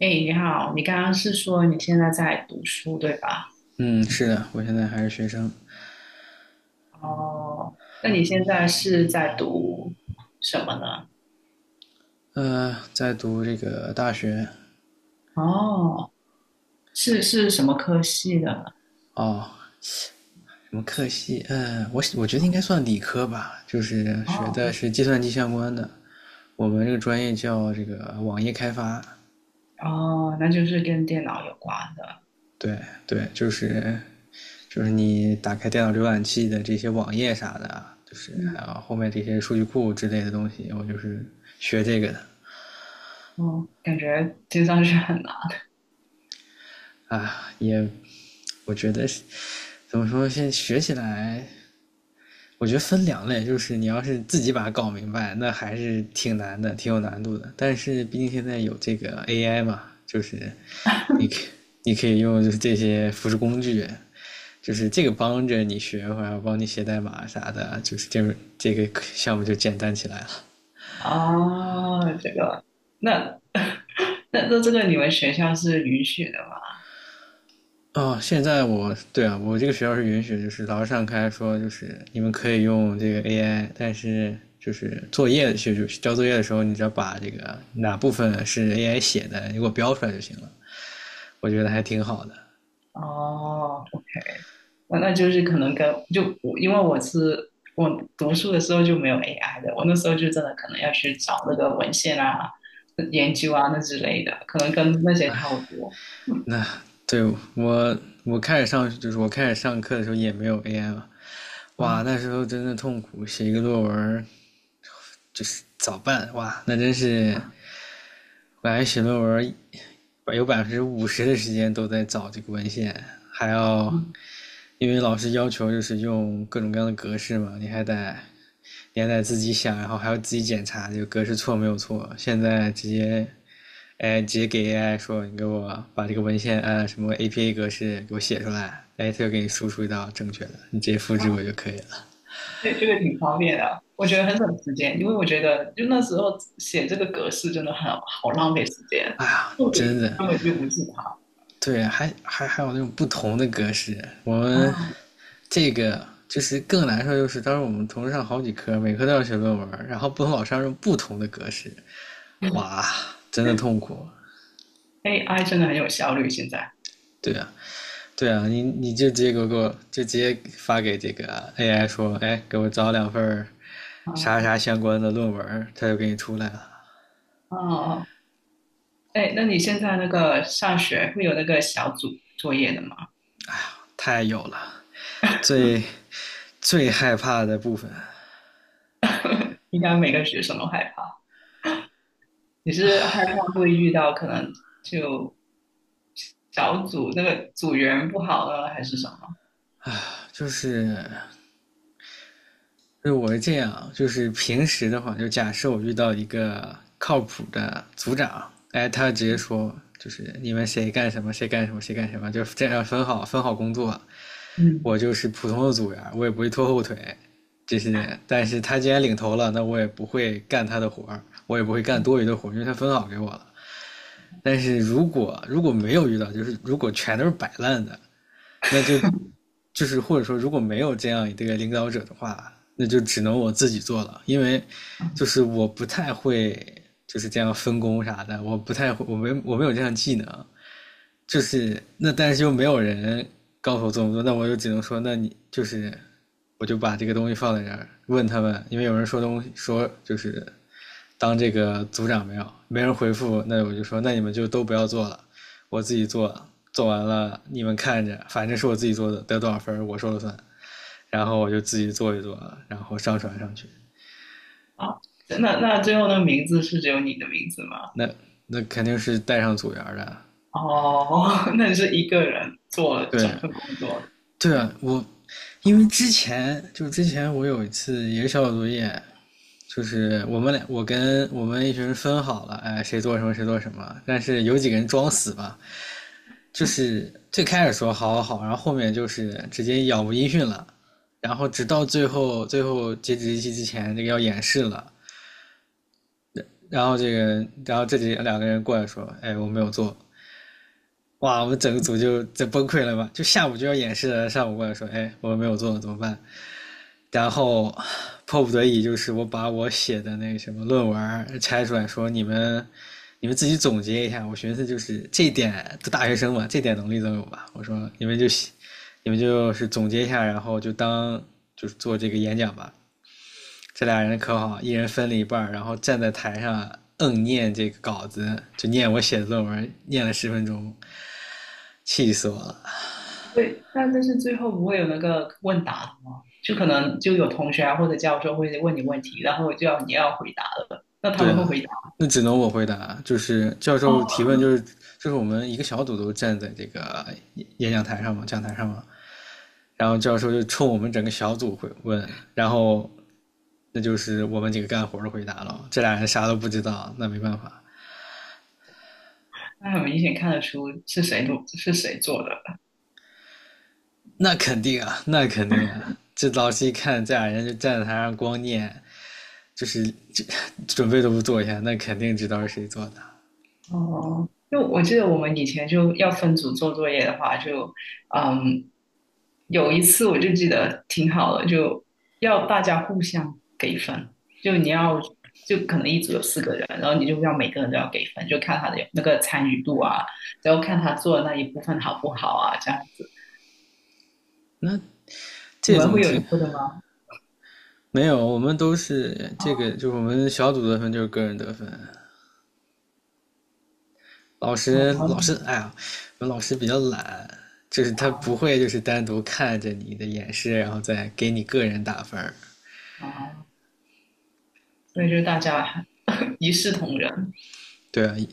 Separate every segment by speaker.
Speaker 1: 哎，你好，你刚刚是说你现在在读书，对吧？
Speaker 2: 嗯，是的，我现在还是学生。
Speaker 1: 哦，那你现在是在读什么呢？
Speaker 2: 在读这个大学。
Speaker 1: 哦，是什么科系的？
Speaker 2: 哦，什么课系？我觉得应该算理科吧，就是学的
Speaker 1: 哦
Speaker 2: 是计算机相关的。我们这个专业叫这个网页开发。
Speaker 1: 哦，那就是跟电脑有关的。
Speaker 2: 对，对，就是你打开电脑浏览器的这些网页啥的啊，就是还有
Speaker 1: 嗯，
Speaker 2: 后面这些数据库之类的东西，我就是学这个的。
Speaker 1: 哦，感觉听上去很难。
Speaker 2: 啊，我觉得怎么说，现在学起来我觉得分两类，就是你要是自己把它搞明白，那还是挺难的，挺有难度的。但是毕竟现在有这个 AI 嘛，就是你可你可以用就是这些辅助工具，就是这个帮着你学，或者帮你写代码啥的，就是这个项目就简单起来了。
Speaker 1: 哦，这个，那 那这个你们学校是允许的吗？
Speaker 2: 哦，现在我，对啊，我这个学校是允许，就是老师上开说，就是你们可以用这个 AI，但是就是作业就交作业的时候，你只要把这个哪部分是 AI 写的，你给我标出来就行了。我觉得还挺好的。
Speaker 1: 哦。我那就是可能跟就我因为我读书的时候就没有 AI 的，我那时候就真的可能要去找那个文献啊、研究啊那之类的，可能跟那些差不多
Speaker 2: 那，对，我我开始上课的时候也没有 AI 嘛。哇，
Speaker 1: 啊。
Speaker 2: 那时候真的痛苦，写一个作文就是早办。哇，那真是本来写论文有50%的时间都在找这个文献，还要
Speaker 1: 嗯，
Speaker 2: 因为老师要求就是用各种各样的格式嘛，你还得自己想，然后还要自己检查这个格式错没有错。现在直接，哎，直接给 AI 说，你给我把这个文献按啊什么 APA 格式给我写出来。哎，它就给你输出一道正确的，你直接复制我就可以了。
Speaker 1: 对，这个挺方便的，我觉得很省时间，因为我觉得就那时候写这个格式真的很好浪费时间，
Speaker 2: 哎呀，
Speaker 1: 重
Speaker 2: 真
Speaker 1: 点
Speaker 2: 的。
Speaker 1: 根本就不是它
Speaker 2: 对，还有那种不同的格式。我们
Speaker 1: 啊。
Speaker 2: 这个就是更难受，就是当时我们同时上好几科，每科都要写论文，然后不同老师用不同的格式。哇，真的痛苦。
Speaker 1: AI 真的很有效率，现在
Speaker 2: 对啊，对啊，你就直接给我就直接发给这个 AI 说，哎，给我找2份
Speaker 1: 啊，
Speaker 2: 啥
Speaker 1: 哦，
Speaker 2: 啥相关的论文，它就给你出来了。
Speaker 1: 哦哦，哎，那你现在那个上学会有那个小组作业的吗？
Speaker 2: 太有了。最最害怕的部分
Speaker 1: 应该每个学生都害怕。你是害怕会遇到可能就小组那个组员不好了，还是什么？
Speaker 2: 就是，我是这样啊，就是平时的话，就假设我遇到一个靠谱的组长，哎，他直接说，就是你们谁干什么，谁干什么，谁干什么，就这样分好工作。
Speaker 1: 嗯，
Speaker 2: 我就是普通的组员，我也不会拖后腿这些。但是他既然领头了，那我也不会干他的活儿，我也不会干多余的活儿，因为他分好给我了。但是如果没有遇到，就是如果全都是摆烂的，那就， 就是，或者说如果没有这样一个领导者的话，那就只能我自己做了，因为就是我不太会就是这样分工啥的，我不太会，我没有这项技能。就是那，但是又没有人告诉我这么做，那我就只能说，那你就是，我就把这个东西放在这儿问他们，因为有人说东西说就是当这个组长没人回复，那我就说，那你们就都不要做了，我自己做，做完了你们看着，反正是我自己做的，得多少分我说了算。然后我就自己做一做啊，然后上传上去。
Speaker 1: 好，那最后那个名字是只有你的名字吗？
Speaker 2: 那那肯定是带上组员的。
Speaker 1: 哦，那你是一个人做整
Speaker 2: 对，
Speaker 1: 份工作的，
Speaker 2: 对啊，我因为之前就之前我有一次也是小组作业，我跟我们一群人分好了，哎，谁做什么谁做什么，但是有几个人装死吧，就是最开始说好，好，好，然后后面就是直接杳无音讯了。然后直到最后，最后截止日期之前，这个要演示了。然后这个，然后两个人过来说：“哎，我没有做。”哇，我们整个组就崩溃了吧？就下午就要演示了，上午过来说，哎，我没有做怎么办？然后迫不得已就是我把我写的那个什么论文拆出来说，你们自己总结一下。我寻思就是这点都大学生嘛，这点能力都有吧？我说你们就是总结一下，然后就当就是做这个演讲吧。这俩人可好，一人分了一半，然后站在台上念这个稿子，就念我写的论文，念了10分钟，气死我了。
Speaker 1: 不会？那但是最后不会有那个问答的吗？就可能就有同学啊或者教授会问你问题，然后就要你要回答了，那他
Speaker 2: 对
Speaker 1: 们会
Speaker 2: 啊，
Speaker 1: 回答
Speaker 2: 那只能我回答，就是教授
Speaker 1: 哦，
Speaker 2: 提问，就是我们一个小组都站在这个讲台上嘛，讲台上嘛，然后教授就冲我们整个小组会问，然后那就是我们几个干活的回答了，这俩人啥都不知道，那没办法。
Speaker 1: 那很明显看得出是谁做是谁做的。
Speaker 2: 那肯定啊，那肯定啊，这老师一看这俩人就站在台上光念，就是这准备都不做一下，那肯定知道是谁做的。
Speaker 1: 哦，就我记得我们以前就要分组做作业的话，就嗯，有一次我就记得挺好的，就要大家互相给分，就你要就可能一组有4个人，然后你就要每个人都要给分，就看他的那个参与度啊，然后看他做的那一部分好不好啊，这样子。
Speaker 2: 那
Speaker 1: 你
Speaker 2: 这
Speaker 1: 们
Speaker 2: 种
Speaker 1: 会有这
Speaker 2: 挺……
Speaker 1: 个的吗？
Speaker 2: 没有，我们都是这个，
Speaker 1: 啊，
Speaker 2: 就是我们小组得分就是个人得分。老师，老师，
Speaker 1: 啊
Speaker 2: 哎呀，我们老师比较懒，就是他
Speaker 1: 啊！
Speaker 2: 不会就是单独看着你的演示，然后再给你个人打分儿。
Speaker 1: 啊所以就大家 一视同仁，
Speaker 2: 对啊，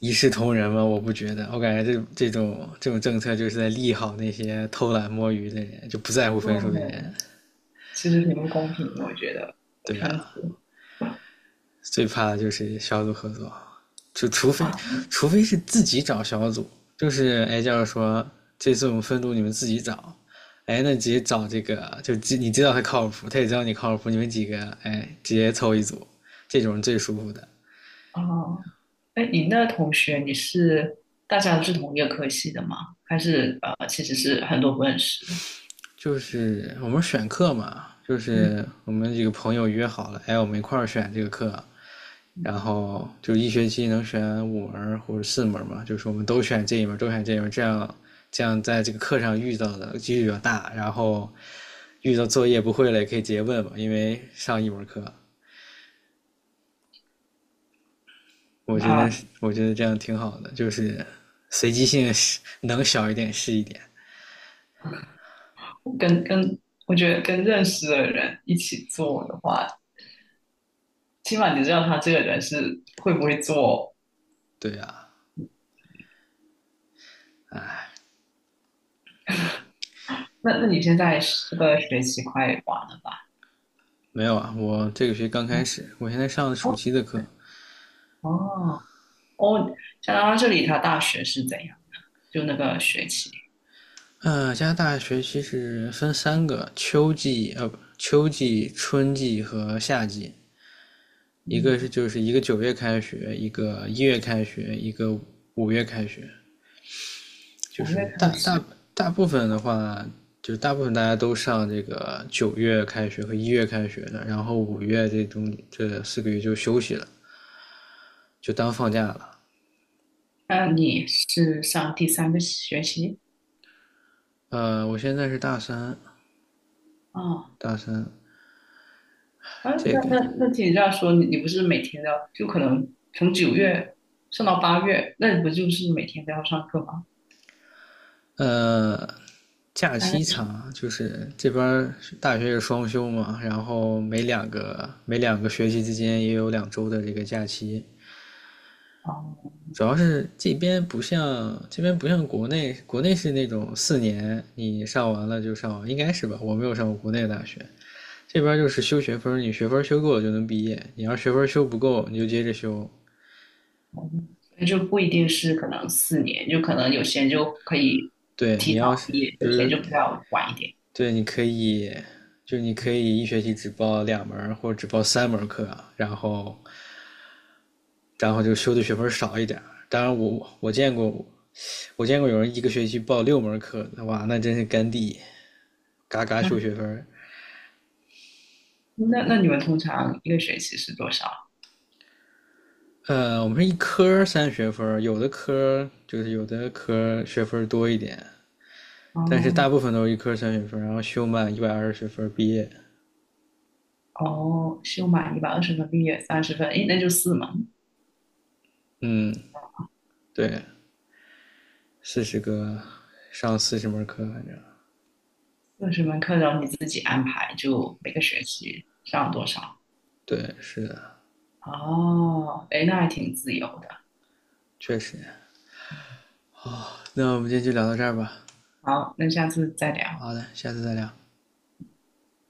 Speaker 2: 一视同仁嘛。我不觉得，我感觉这种，这种政策就是在利好那些偷懒摸鱼的人，就不在乎分数的
Speaker 1: 对，
Speaker 2: 人。
Speaker 1: 其实挺不公平的，我觉得
Speaker 2: 对
Speaker 1: 分
Speaker 2: 啊，
Speaker 1: 组。
Speaker 2: 最怕的就是小组合作，就除非除非是自己找小组，就是哎，就是说这次我们分组你们自己找，哎，那直接找这个，你知道他靠谱，他也知道你靠谱，你们几个哎直接凑一组，这种是最舒服的。
Speaker 1: 哦，哎，你那同学你是大家都是同一个科系的吗？还是其实是很多不认识的？
Speaker 2: 就是我们选课嘛，就
Speaker 1: 嗯，
Speaker 2: 是我们几个朋友约好了，哎，我们一块儿选这个课，然后就一学期能选5门或者4门嘛，就是我们都选这一门都选这一门，这样这样在这个课上遇到的几率比较大，然后遇到作业不会了也可以直接问嘛，因为上一门课。我觉得
Speaker 1: 啊，
Speaker 2: 我觉得这样挺好的，就是随机性是能小一点是一点。
Speaker 1: 跟跟我觉得跟认识的人一起做的话，起码你知道他这个人是会不会做。
Speaker 2: 对啊，
Speaker 1: 那你现在是这个学期快完了吧？
Speaker 2: 没有啊，我这个学期刚开始，我现在上的暑
Speaker 1: 哦
Speaker 2: 期的课。
Speaker 1: 哦哦，加拿大这里他大学是怎样的？就那个学期，
Speaker 2: 加拿大学期是分3个：秋季，呃，不，秋季、春季和夏季。一个是
Speaker 1: 嗯，
Speaker 2: 就是一个九月开学，一个一月开学，一个五月开学，就
Speaker 1: 五
Speaker 2: 是
Speaker 1: 月开始，
Speaker 2: 大部分的话，就是大部分大家都上这个九月开学和一月开学的，然后五月这4个月就休息了，就当放假了。
Speaker 1: 那你是上第三个学期？
Speaker 2: 呃，我现在是
Speaker 1: 啊？
Speaker 2: 大三。
Speaker 1: 啊，
Speaker 2: 这
Speaker 1: 那
Speaker 2: 个，
Speaker 1: 那那听你这样说，你不是每天都要，就可能从9月上到8月，那你不就是每天都要上课吗？
Speaker 2: 呃，假
Speaker 1: 大概
Speaker 2: 期
Speaker 1: 是
Speaker 2: 长，就是这边大学是双休嘛，然后每两个学期之间也有2周的这个假期。
Speaker 1: 哦，
Speaker 2: 主要是这边不像国内，国内是那种4年你上完了就上完，应该是吧？我没有上过国内的大学。这边就是修学分，你学分修够了就能毕业，你要学分修不够你就接着修。
Speaker 1: 那就不一定是可能4年，就可能有些人就可以
Speaker 2: 对
Speaker 1: 提
Speaker 2: 你
Speaker 1: 早
Speaker 2: 要是
Speaker 1: 毕业，
Speaker 2: 比
Speaker 1: 有些
Speaker 2: 如
Speaker 1: 人就比较晚一点。
Speaker 2: 对，你可以，你可以一学期只报2门或者只报3门课啊，然后就修的学分少一点。当然我见过，有人一个学期报6门课，哇，那真是干地，嘎嘎修
Speaker 1: 嗯，
Speaker 2: 学分。
Speaker 1: 那你们通常一个学期是多少？
Speaker 2: 呃，我们是一科三学分，有的科学分多一点，但是大
Speaker 1: 哦
Speaker 2: 部分都是一科三学分，然后修满120学分毕业。
Speaker 1: 哦，修满120分毕业30分，诶，那就4门，
Speaker 2: 嗯，对，四十个上40门课，反正。
Speaker 1: 40门课，然后你自己安排，就每个学期上多少？
Speaker 2: 对，是的。
Speaker 1: 哦，诶，那还挺自由的。
Speaker 2: 确实。那我们今天就聊到这儿吧。
Speaker 1: 好，那下次再聊。
Speaker 2: 好的，下次再聊。